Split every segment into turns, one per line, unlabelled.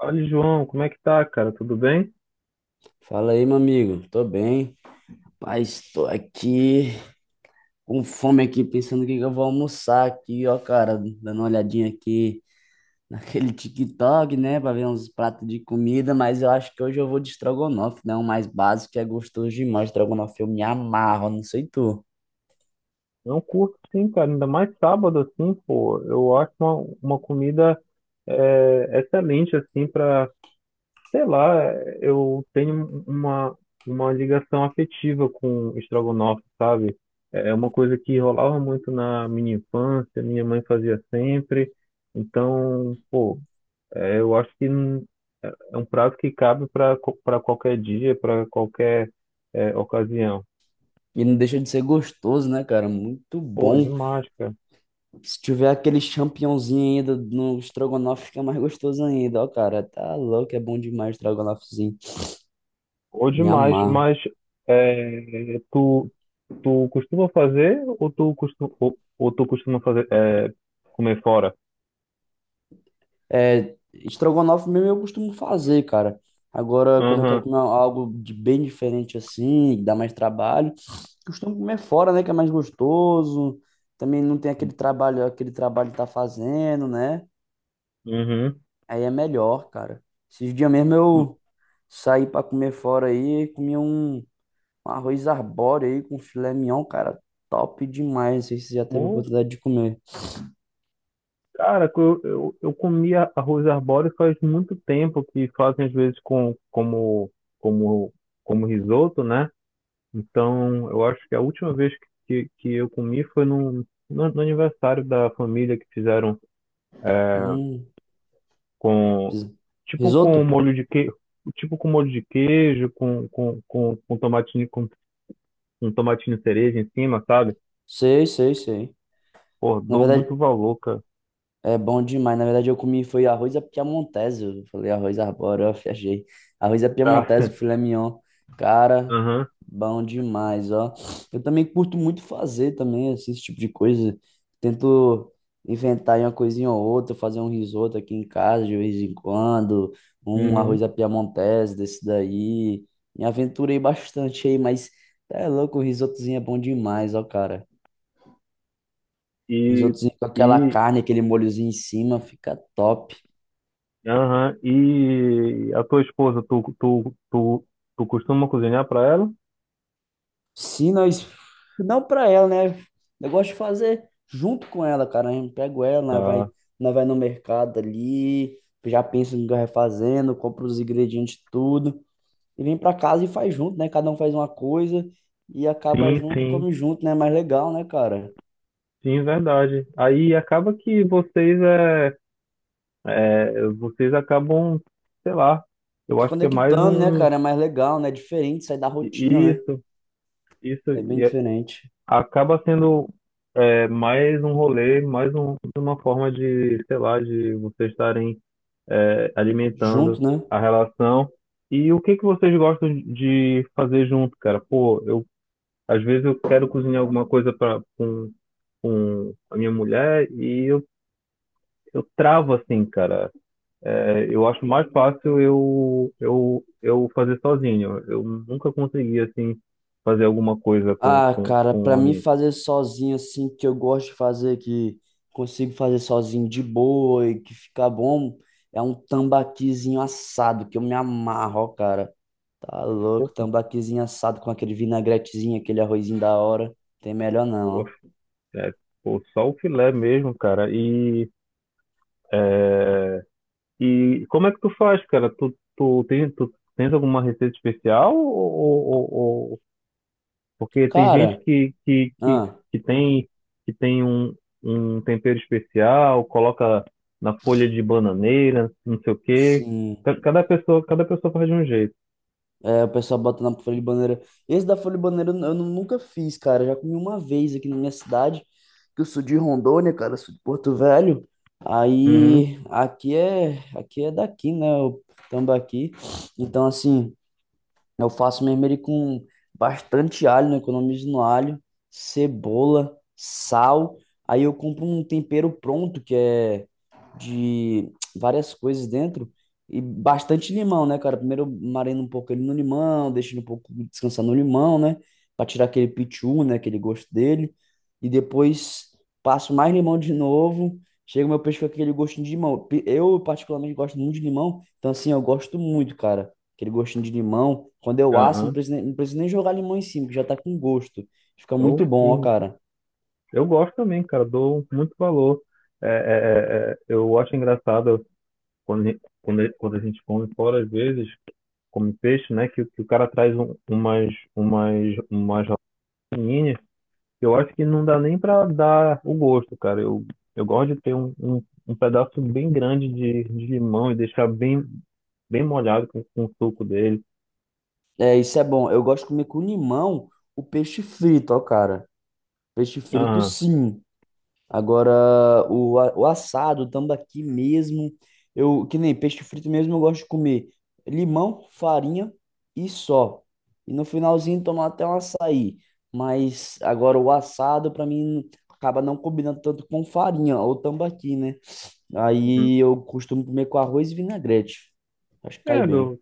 Olha, João, como é que tá, cara? Tudo bem?
Fala aí, meu amigo. Tô bem. Rapaz, tô aqui com fome aqui, pensando o que que eu vou almoçar aqui, ó, cara. Dando uma olhadinha aqui naquele TikTok, né? Pra ver uns pratos de comida, mas eu acho que hoje eu vou de estrogonofe, né? O mais básico que é gostoso demais. Estrogonofe eu me amarro, não sei tu.
Não curto sim, cara. Ainda mais sábado, assim, pô. Eu acho uma comida, excelente, assim, pra, sei lá, eu tenho uma ligação afetiva com estrogonofe, sabe? É uma coisa que rolava muito na minha infância, minha mãe fazia sempre. Então, pô, eu acho que é um prato que cabe para qualquer dia, para qualquer ocasião.
E não deixa de ser gostoso, né, cara? Muito
Pô,
bom.
demais, cara.
Se tiver aquele champignonzinho ainda no estrogonofe, fica mais gostoso ainda, ó, cara. Tá louco, é bom demais o estrogonofezinho.
Ou
Me
demais,
amarro.
mas é, tu, tu costuma fazer ou tu costuma, ou tu costuma fazer comer fora?
É, estrogonofe mesmo eu costumo fazer, cara. Agora, quando eu quero
Aham.
comer algo de bem diferente assim, que dá mais trabalho, costumo comer fora, né? Que é mais gostoso. Também não tem aquele trabalho que tá fazendo, né?
Uhum.
Aí é melhor, cara. Esses dias mesmo eu saí pra comer fora aí, comi um arroz arbóreo aí com filé mignon, cara. Top demais. Não sei se você já teve a
Mo-
oportunidade de comer.
Cara, que eu comia arroz arbóreo faz muito tempo que fazem às vezes como, como risoto, né? Então, eu acho que a última vez que eu comi foi no aniversário da família que fizeram
Hum,
com tipo com
risoto?
molho de queijo, tipo com molho de queijo, com tomatinho cereja em cima, sabe?
Sei, sei, sei.
Pô,
Na
dou
verdade,
muito valor, cara.
é bom demais. Na verdade, eu comi foi arroz à piamontese. Eu falei arroz arbóreo, eu viajei. Arroz à
Pra...
piamontese, filé mignon. Cara,
Aham.
bom demais, ó. Eu também curto muito fazer também assim, esse tipo de coisa. Tento inventar aí uma coisinha ou outra, fazer um risoto aqui em casa de vez em quando, um
Uhum.
arroz à piamontese desse daí. Me aventurei bastante aí, mas tá é louco, o risotozinho é bom demais, ó, cara.
E
Risotozinho com aquela
e
carne, aquele molhozinho em cima, fica top.
aham. E a tua esposa, tu costuma cozinhar pra ela?
Se nós. Não pra ela, né? Eu gosto de fazer junto com ela, cara. A gente pega ela,
Ah,
nós vai no mercado ali, já pensa no que vai fazendo, compra os ingredientes, tudo, e vem pra casa e faz junto, né? Cada um faz uma coisa e acaba
sim,
junto,
sim.
come junto, né? É mais legal, né, cara?
Sim, verdade. Aí acaba que vocês acabam, sei lá, eu
Se
acho que é mais
conectando, né,
um
cara? É mais legal, né? É diferente, sai da rotina, né?
isso, isso
É bem diferente.
acaba sendo, mais um rolê, uma forma de, sei lá, de vocês estarem alimentando
Junto, né?
a relação. E o que que vocês gostam de fazer junto, cara? Pô, eu às vezes eu quero cozinhar alguma coisa para com a minha mulher e eu travo assim, cara. É, eu acho mais fácil eu fazer sozinho. Eu nunca consegui assim fazer alguma coisa com,
Ah,
com,
cara,
com
pra
a
mim
minha.
fazer sozinho assim, que eu gosto de fazer, que consigo fazer sozinho de boa e que fica bom, é um tambaquizinho assado, que eu me amarro, ó, cara. Tá louco, tambaquizinho assado com aquele vinagretezinho, aquele arrozinho da hora. Tem melhor não, ó.
É, pô, só o filé mesmo, cara. E como é que tu faz, cara? Tu tens alguma receita especial? Porque tem gente
Cara, ah,
que tem, que tem um tempero especial, coloca na folha de bananeira, não sei o quê.
sim.
Cada pessoa faz de um jeito.
É, o pessoal bota na folha de bananeira. Esse da folha de bananeira eu nunca fiz, cara. Eu já comi uma vez aqui na minha cidade, que eu sou de Rondônia, cara, eu sou de Porto Velho.
Uhum.
Aí, aqui é daqui, né? O tambaqui. Então, assim, eu faço mesmo ele com bastante alho, né? Economizo no alho, cebola, sal. Aí eu compro um tempero pronto, que é de várias coisas dentro. E bastante limão, né, cara? Primeiro eu marino um pouco ele no limão, deixo ele um pouco descansar no limão, né? Pra tirar aquele pitiu, né? Aquele gosto dele. E depois passo mais limão de novo. Chega o meu peixe com aquele gostinho de limão. Pe- Eu, particularmente, gosto muito de limão. Então, assim, eu gosto muito, cara, aquele gostinho de limão. Quando eu asso,
Aham.
não preciso nem jogar limão em cima, que já tá com gosto. Fica
Eu,
muito bom, ó,
sim,
cara.
eu gosto também, cara. Dou muito valor. Eu acho engraçado. quando, a- quando a gente come fora, às vezes, come peixe, né? Que o cara traz umas rolinhas, que eu acho que não dá nem pra dar o gosto, cara. Eu gosto de ter um pedaço bem grande de limão e deixar bem molhado com o suco dele.
É, isso é bom. Eu gosto de comer com limão o peixe frito, ó, cara. Peixe frito,
Ah.
sim. Agora, o, a- o assado, o tambaqui mesmo. Eu, que nem peixe frito mesmo, eu gosto de comer limão, farinha e só. E no finalzinho tomar até um açaí. Mas agora o assado, pra mim, acaba não combinando tanto com farinha ou tambaqui, né?
Uhum.
Aí eu costumo comer com arroz e vinagrete. Acho que cai
É,
bem.
meu,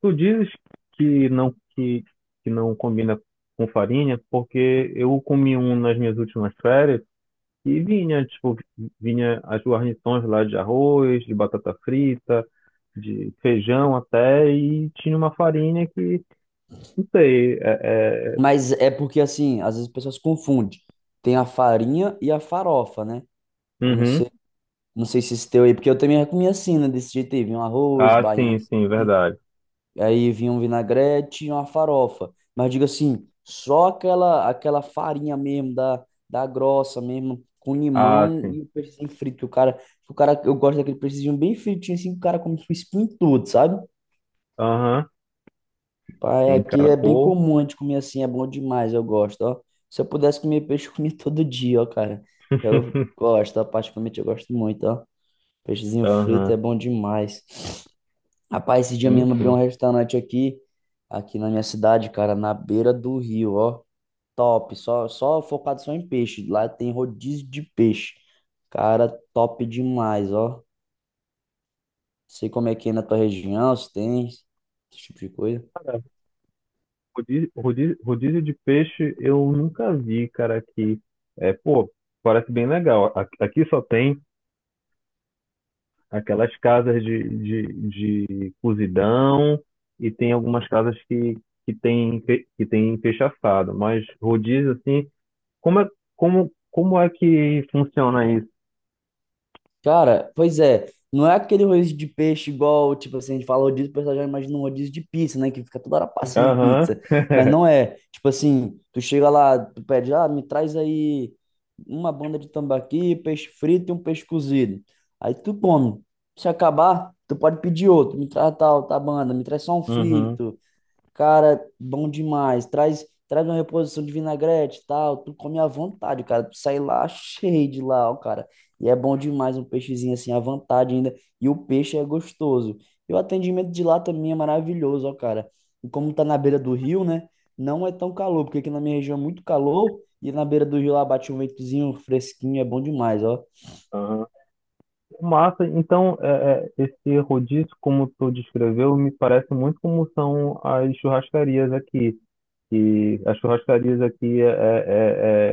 tu dizes que não, que não combina com farinha, porque eu comi um nas minhas últimas férias. E vinha, tipo, vinha as guarnições lá de arroz, de batata frita, de feijão até, e tinha uma farinha que, não sei.
Mas é porque, assim, às vezes as pessoas confundem. Tem a farinha e a farofa, né? Eu não
Uhum.
sei, não sei se esse teu aí, porque eu também comia assim, né? Desse jeito aí, vinha um arroz,
Ah, sim, sim,
baiãozinho,
verdade.
aí vinha um vinagrete e uma farofa. Mas digo assim, só aquela farinha mesmo, da, da grossa mesmo, com
Ah,
limão
sim.
e o peixinho frito. O cara, eu gosto daquele peixinho bem fritinho, assim, que o cara come com espinho tudo, sabe?
Aham.
Pai,
Sim,
aqui
cara,
é bem
pô.
comum a gente comer assim, é bom demais, eu gosto, ó. Se eu pudesse comer peixe, eu comia todo dia, ó, cara. Eu gosto, ó, particularmente eu gosto muito, ó. Peixezinho frito
Aham.
é bom demais. Rapaz, esse dia
Sim,
mesmo abriu um
sim.
restaurante aqui, aqui na minha cidade, cara, na beira do rio, ó. Top, só focado só em peixe. Lá tem rodízio de peixe. Cara, top demais, ó. Sei como é que é na tua região, se tem esse tipo de coisa.
Rodízio de peixe eu nunca vi, cara, aqui. É, pô, parece bem legal. Aqui só tem aquelas casas de cozidão e tem algumas casas que tem peixe assado. Mas rodízio, assim, como é, como é que funciona isso?
Cara, pois é, não é aquele rodízio de peixe igual, tipo assim, a gente fala rodízio, o pessoal já imagina um rodízio de pizza, né? Que fica toda hora passando
Aham.
pizza. Mas não é, tipo assim, tu chega lá, tu pede, ah, me traz aí uma banda de tambaqui, peixe frito e um peixe cozido. Aí tu come. Se acabar, tu pode pedir outro, me traz tal, tá banda, me traz só um
Uhum.
frito. Cara, bom demais. Traz, traz uma reposição de vinagrete e tal. Tu come à vontade, cara. Tu sai lá cheio de lá, ó, cara. E é bom demais um peixezinho assim à vontade ainda. E o peixe é gostoso. E o atendimento de lá também é maravilhoso, ó, cara. E como tá na beira do rio, né? Não é tão calor, porque aqui na minha região é muito calor. E na beira do rio lá bate um ventozinho fresquinho. É bom demais, ó.
Aham. Massa, então esse rodízio, como tu descreveu, me parece muito como são as churrascarias aqui. E as churrascarias aqui é, é,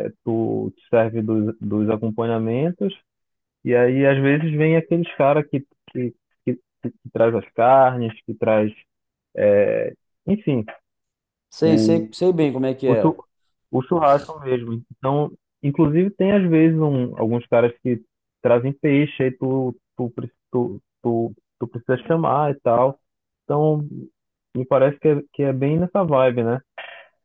é- é, tu te serve dos acompanhamentos. E aí, às vezes, vem aqueles caras que, que traz as carnes, que traz, enfim,
Sei, sei, sei bem como é que
o, chu,
é.
o churrasco mesmo. Então, inclusive, tem às vezes alguns caras que trazem peixe, aí tu precisa chamar e tal. Então, me parece que é bem nessa vibe, né?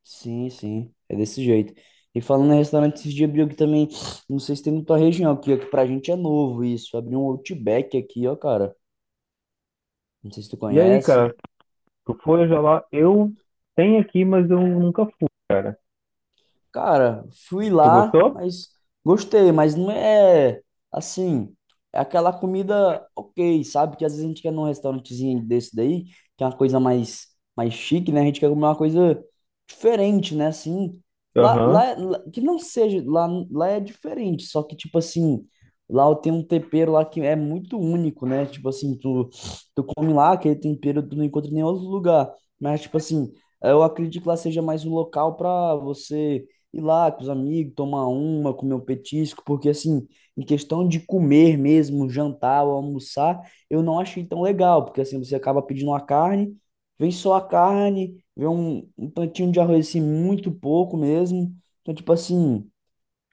Sim, sim, é desse jeito. E falando em restaurante, esses dias abriu aqui também, não sei se tem na tua região aqui, ó, que pra gente é novo isso, abriu um Outback aqui, ó, cara, não sei se tu
E aí,
conhece.
cara, tu foi já lá? Eu tenho aqui, mas eu nunca fui, cara.
Cara, fui
Tu
lá,
gostou?
mas gostei, mas não é assim, é aquela comida ok, sabe? Que às vezes a gente quer num restaurantezinho desse daí, que é uma coisa mais, mais chique, né? A gente quer comer uma coisa diferente, né? Assim,
Aham.
lá- que não seja, lá é diferente, só que tipo assim, lá tem um tempero lá que é muito único, né? Tipo assim, tu come lá, aquele tempero tu não encontra em nenhum outro lugar, mas tipo assim, eu acredito que lá seja mais um local pra você ir lá com os amigos, tomar uma, comer um petisco, porque assim, em questão de comer mesmo, jantar ou almoçar, eu não achei tão legal, porque assim, você acaba pedindo uma carne, vem só a carne, vem um, um tantinho de arroz assim, muito pouco mesmo. Então, tipo assim,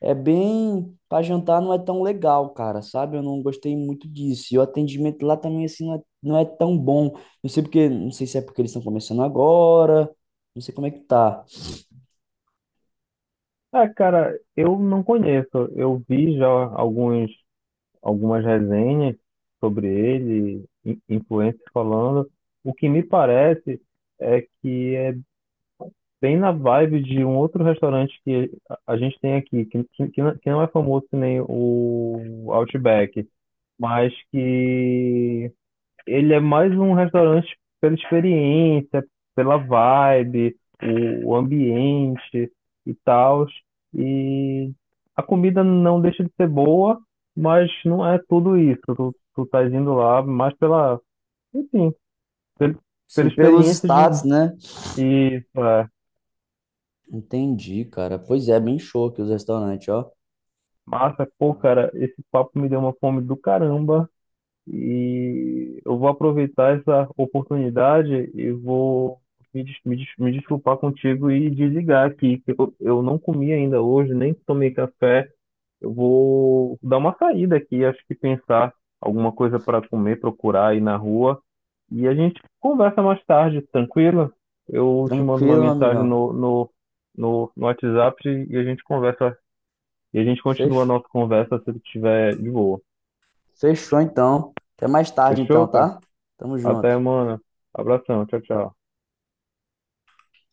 é bem. Pra jantar não é tão legal, cara, sabe? Eu não gostei muito disso. E o atendimento lá também, assim, não é tão bom. Não sei porque, não sei se é porque eles estão começando agora, não sei como é que tá.
Ah, cara, eu não conheço. Eu vi já algumas resenhas sobre ele, influencers falando. O que me parece é que é bem na vibe de um outro restaurante que a gente tem aqui, que não é famoso que nem o Outback, mas que ele é mais um restaurante pela experiência, pela vibe, o ambiente e tal. E a comida não deixa de ser boa, mas não é tudo isso. Tu tá indo lá mais pela, enfim, pel- pela
Assim, pelos
experiência
status, né?
de é,
Entendi, cara. Pois é, bem show aqui os restaurantes, ó.
Massa. Pô, cara, esse papo me deu uma fome do caramba. E eu vou aproveitar essa oportunidade e vou me desculpar contigo e desligar aqui, que eu não comi ainda hoje, nem tomei café. Eu vou dar uma saída aqui, acho que pensar alguma coisa para comer, procurar aí na rua. E a gente conversa mais tarde, tranquilo? Eu te mando uma
Tranquilo, meu
mensagem
amigão.
no WhatsApp e a gente conversa, e a gente continua a
Fech-
nossa conversa se tu estiver de boa.
Fechou então. Até mais tarde
Fechou,
então,
cara?
tá? Tamo
Até,
junto.
mano. Abração. Tchau, tchau.